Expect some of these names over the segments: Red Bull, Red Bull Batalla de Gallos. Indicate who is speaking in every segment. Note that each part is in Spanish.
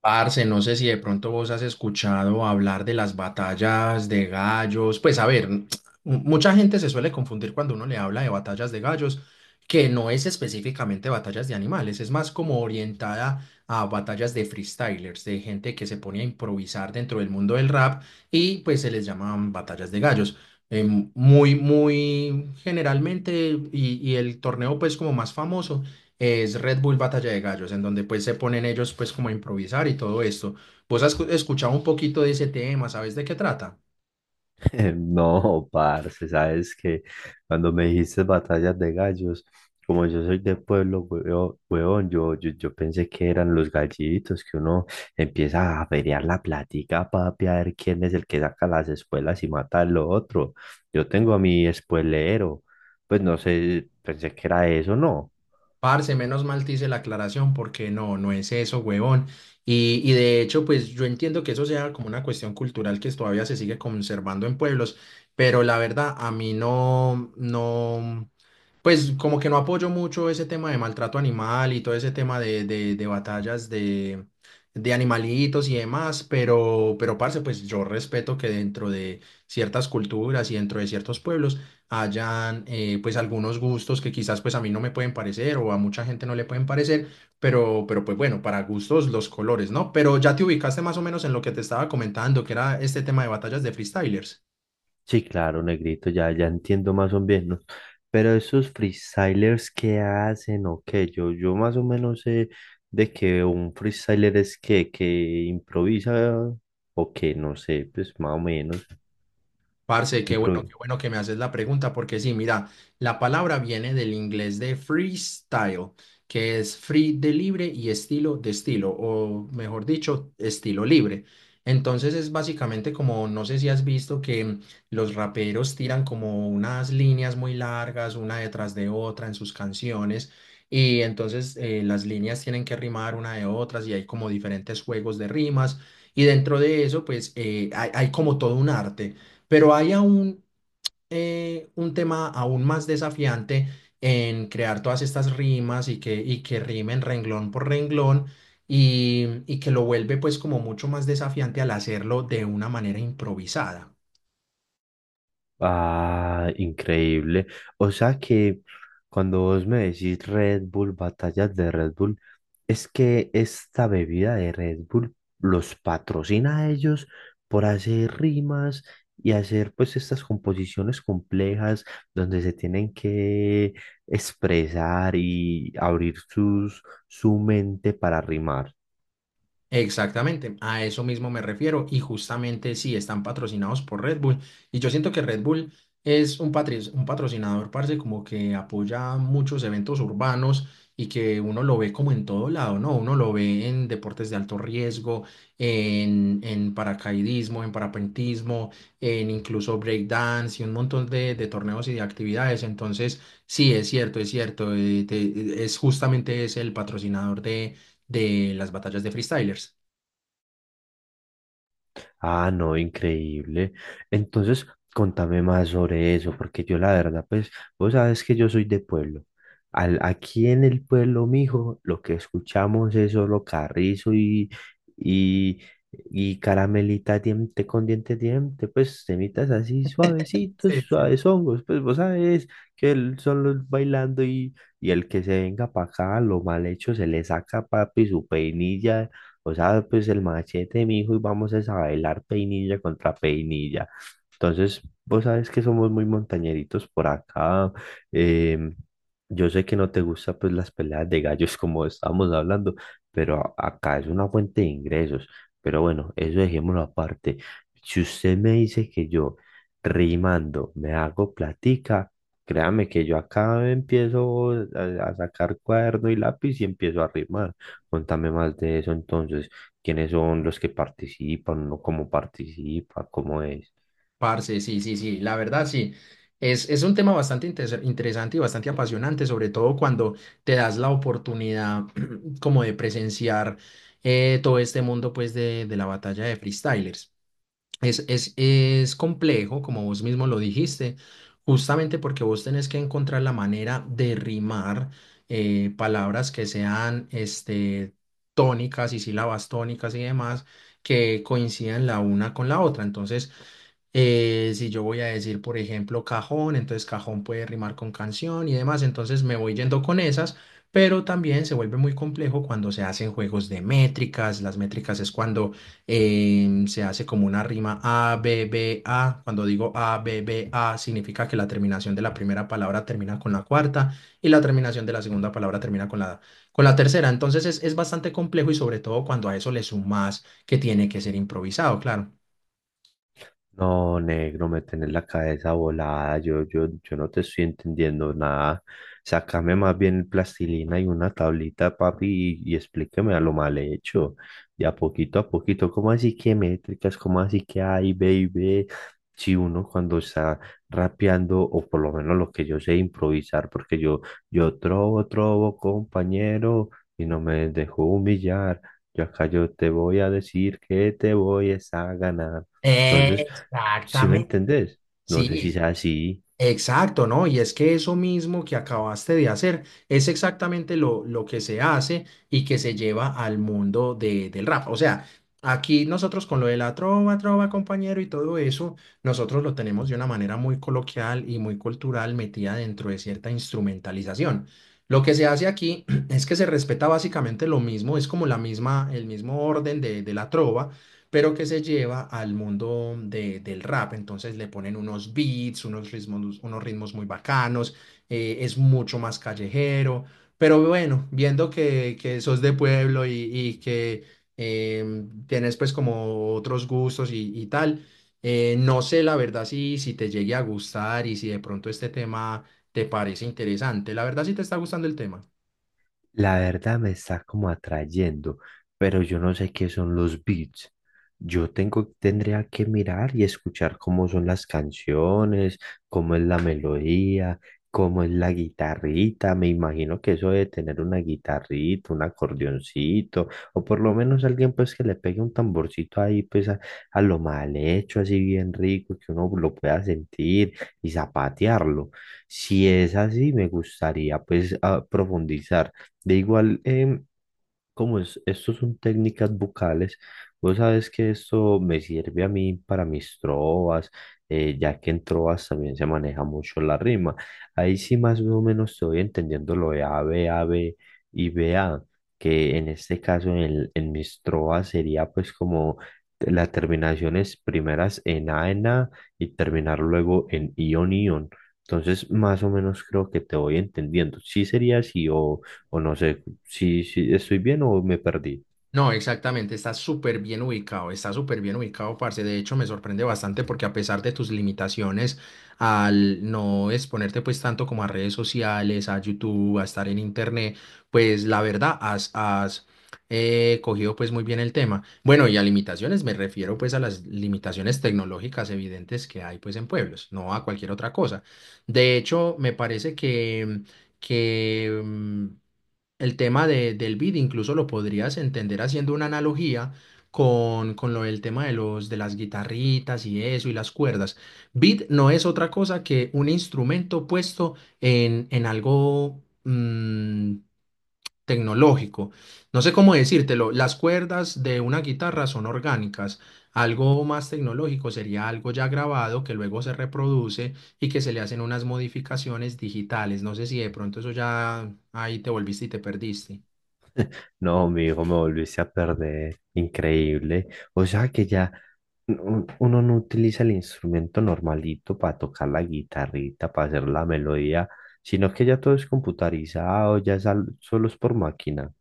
Speaker 1: Parce, no sé si de pronto vos has escuchado hablar de las batallas de gallos. Pues a ver, mucha gente se suele confundir cuando uno le habla de batallas de gallos, que no es específicamente batallas de animales, es más como orientada a batallas de freestylers, de gente que se pone a improvisar dentro del mundo del rap y pues se les llaman batallas de gallos. Muy, muy generalmente, y el torneo pues como más famoso es Red Bull Batalla de Gallos, en donde pues se ponen ellos pues como a improvisar y todo esto. ¿Vos has escuchado un poquito de ese tema? ¿Sabes de qué trata?
Speaker 2: No, parce, sabes que cuando me dijiste batallas de gallos, como yo soy de pueblo, huevón, huevón, yo pensé que eran los gallitos, que uno empieza a averiar la plática, papi, a ver quién es el que saca las espuelas y mata al otro. Yo tengo a mi espuelero, pues no sé, pensé que era eso, ¿no?
Speaker 1: Parce, menos mal te hice la aclaración porque no, no es eso, huevón. Y de hecho, pues yo entiendo que eso sea como una cuestión cultural que todavía se sigue conservando en pueblos, pero la verdad a mí no, no, pues como que no apoyo mucho ese tema de maltrato animal y todo ese tema de batallas de animalitos y demás, pero parce, pues yo respeto que dentro de ciertas culturas y dentro de ciertos pueblos hayan pues algunos gustos que quizás pues a mí no me pueden parecer o a mucha gente no le pueden parecer, pero pues bueno, para gustos los colores, ¿no? Pero ya te ubicaste más o menos en lo que te estaba comentando, que era este tema de batallas de freestylers.
Speaker 2: Sí, claro, negrito, ya, ya entiendo más o menos. Pero esos freestylers, ¿qué hacen o qué? Yo más o menos sé de que un freestyler es que improvisa o que no sé, pues más o menos.
Speaker 1: Parce,
Speaker 2: impro-
Speaker 1: qué bueno que me haces la pregunta, porque sí, mira, la palabra viene del inglés de freestyle, que es free de libre y estilo de estilo, o mejor dicho, estilo libre. Entonces es básicamente como, no sé si has visto que los raperos tiran como unas líneas muy largas, una detrás de otra en sus canciones, y entonces las líneas tienen que rimar una de otras y hay como diferentes juegos de rimas, y dentro de eso, pues hay hay como todo un arte. Pero hay aún un tema aún más desafiante en crear todas estas rimas y que rimen renglón por renglón y que lo vuelve pues como mucho más desafiante al hacerlo de una manera improvisada.
Speaker 2: Ah, increíble. O sea que cuando vos me decís Red Bull, batallas de Red Bull, es que esta bebida de Red Bull los patrocina a ellos por hacer rimas y hacer pues estas composiciones complejas donde se tienen que expresar y abrir sus, su mente para rimar.
Speaker 1: Exactamente, a eso mismo me refiero y justamente sí están patrocinados por Red Bull y yo siento que Red Bull es un, un patrocinador, parce, como que apoya muchos eventos urbanos y que uno lo ve como en todo lado, ¿no? Uno lo ve en deportes de alto riesgo, en paracaidismo, en parapentismo, en incluso breakdance y un montón de torneos y de actividades. Entonces, sí, es cierto, es cierto, es justamente es el patrocinador de las batallas de freestylers.
Speaker 2: Ah, no, increíble. Entonces, contame más sobre eso, porque yo la verdad, pues, vos sabes que yo soy de pueblo. Aquí en el pueblo, mijo, lo que escuchamos es solo carrizo y, y caramelita diente con diente, diente, pues, temitas así suavecitos,
Speaker 1: Sí, sí.
Speaker 2: suaves hongos, pues, vos sabes que son los bailando y el que se venga para acá, lo mal hecho se le saca, papi, su peinilla, o sea, pues el machete, mi hijo, y vamos es a bailar peinilla contra peinilla. Entonces, vos sabes que somos muy montañeritos por acá. em, yo sé que no te gusta pues las peleas de gallos como estábamos hablando, pero acá es una fuente de ingresos. Pero bueno, eso dejémoslo aparte. Si usted me dice que yo rimando me hago platica, créame que yo acá empiezo a sacar cuaderno y lápiz y empiezo a rimar. Contame más de eso entonces, quiénes son los que participan, ¿no? ¿Cómo participa, cómo es?
Speaker 1: Parce, sí, sí, sí, la verdad sí. Es un tema bastante interesante y bastante apasionante, sobre todo cuando te das la oportunidad como de presenciar todo este mundo pues de la batalla de freestylers. Es complejo, como vos mismo lo dijiste, justamente porque vos tenés que encontrar la manera de rimar palabras que sean este, tónicas y sílabas tónicas y demás que coincidan la una con la otra. Entonces, si yo voy a decir, por ejemplo, cajón, entonces cajón puede rimar con canción y demás, entonces me voy yendo con esas, pero también se vuelve muy complejo cuando se hacen juegos de métricas. Las métricas es cuando se hace como una rima A, B, B, A. Cuando digo A, B, B, A, significa que la terminación de la primera palabra termina con la cuarta y la terminación de la segunda palabra termina con la tercera. Entonces es bastante complejo y sobre todo cuando a eso le sumas que tiene que ser improvisado, claro.
Speaker 2: No, negro, me tenés la cabeza volada, yo no te estoy entendiendo nada. Sácame más bien plastilina y una tablita, papi, y explíqueme a lo mal hecho. Y a poquito, ¿cómo así que métricas? ¿Cómo así que hay, baby? Si uno cuando está rapeando, o por lo menos lo que yo sé improvisar, porque yo trobo, trobo, compañero, y no me dejo humillar. Yo acá yo te voy a decir que te voy es a ganar. Entonces, ¿sí me
Speaker 1: Exactamente.
Speaker 2: entendés? No sé si
Speaker 1: Sí.
Speaker 2: sea así.
Speaker 1: Exacto, ¿no? Y es que eso mismo que acabaste de hacer es exactamente lo que se hace y que se lleva al mundo del rap. O sea, aquí nosotros con lo de la trova, trova, compañero y todo eso, nosotros lo tenemos de una manera muy coloquial y muy cultural metida dentro de cierta instrumentalización. Lo que se hace aquí es que se respeta básicamente lo mismo, es como la misma, el mismo orden de la trova pero que se lleva al mundo del rap. Entonces le ponen unos beats, unos ritmos muy bacanos, es mucho más callejero. Pero bueno, viendo que sos de pueblo y que tienes pues como otros gustos y tal, no sé la verdad si, si te llegue a gustar y si de pronto este tema te parece interesante. La verdad si te está gustando el tema.
Speaker 2: La verdad me está como atrayendo, pero yo no sé qué son los beats. Yo tengo, tendría que mirar y escuchar cómo son las canciones, cómo es la melodía, cómo es la guitarrita. Me imagino que eso de tener una guitarrita, un acordeoncito, o por lo menos alguien pues que le pegue un tamborcito ahí pues a lo mal hecho, así bien rico, que uno lo pueda sentir y zapatearlo. Si es así, me gustaría pues profundizar. De igual, como es, estos son técnicas vocales, vos sabes que esto me sirve a mí para mis trovas, ya que en trovas también se maneja mucho la rima. Ahí sí más o menos estoy entendiendo lo de A, B, A, B y B, A, que en este caso en, en mis trovas sería pues como las terminaciones primeras en A y terminar luego en ion, ion. Entonces, más o menos creo que te voy entendiendo. ¿Sí sería así o... o no sé, si, si estoy bien o me perdí?
Speaker 1: No, exactamente, está súper bien ubicado, está súper bien ubicado, parce. De hecho, me sorprende bastante porque a pesar de tus limitaciones al no exponerte pues tanto como a redes sociales, a YouTube, a estar en internet, pues la verdad has, has cogido pues muy bien el tema. Bueno, y a limitaciones me refiero pues a las limitaciones tecnológicas evidentes que hay pues en pueblos, no a cualquier otra cosa. De hecho, me parece que que el tema del beat incluso lo podrías entender haciendo una analogía con lo del tema de los, de las guitarritas y eso y las cuerdas. Beat no es otra cosa que un instrumento puesto en algo mm, tecnológico. No sé cómo decírtelo. Las cuerdas de una guitarra son orgánicas. Algo más tecnológico sería algo ya grabado que luego se reproduce y que se le hacen unas modificaciones digitales. No sé si de pronto eso ya ahí te volviste y te perdiste.
Speaker 2: No, mi hijo, me volviste a perder. Increíble. O sea que ya uno no utiliza el instrumento normalito para tocar la guitarrita, para hacer la melodía, sino que ya todo es computarizado, ya es solo es por máquina.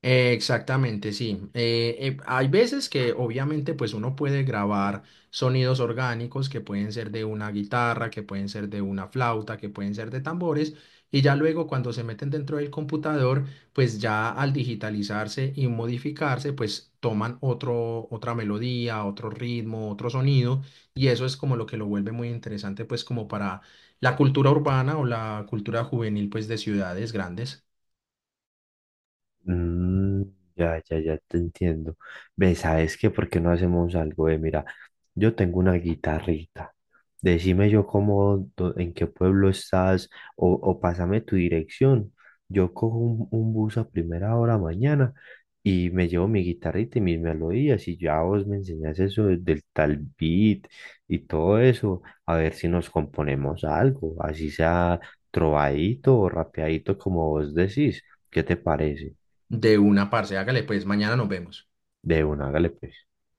Speaker 1: Exactamente, sí. Hay veces que obviamente pues uno puede grabar sonidos orgánicos que pueden ser de una guitarra, que pueden ser de una flauta, que pueden ser de tambores y ya luego cuando se meten dentro del computador pues ya al digitalizarse y modificarse pues toman otro, otra melodía, otro ritmo, otro sonido y eso es como lo que lo vuelve muy interesante pues como para la cultura urbana o la cultura juvenil pues de ciudades grandes.
Speaker 2: Mm, ya, ya, ya te entiendo. ¿Ves? ¿Sabes qué? ¿Por qué no hacemos algo de, mira? Yo tengo una guitarrita. Decime yo cómo, en qué pueblo estás o pásame tu dirección. Yo cojo un bus a primera hora mañana y me llevo mi guitarrita y mis melodías y ya vos me enseñás eso del tal beat y todo eso. A ver si nos componemos algo, así sea trovadito o rapeadito como vos decís. ¿Qué te parece?
Speaker 1: De una parce, hágale pues, mañana nos vemos.
Speaker 2: De una, hágale pues.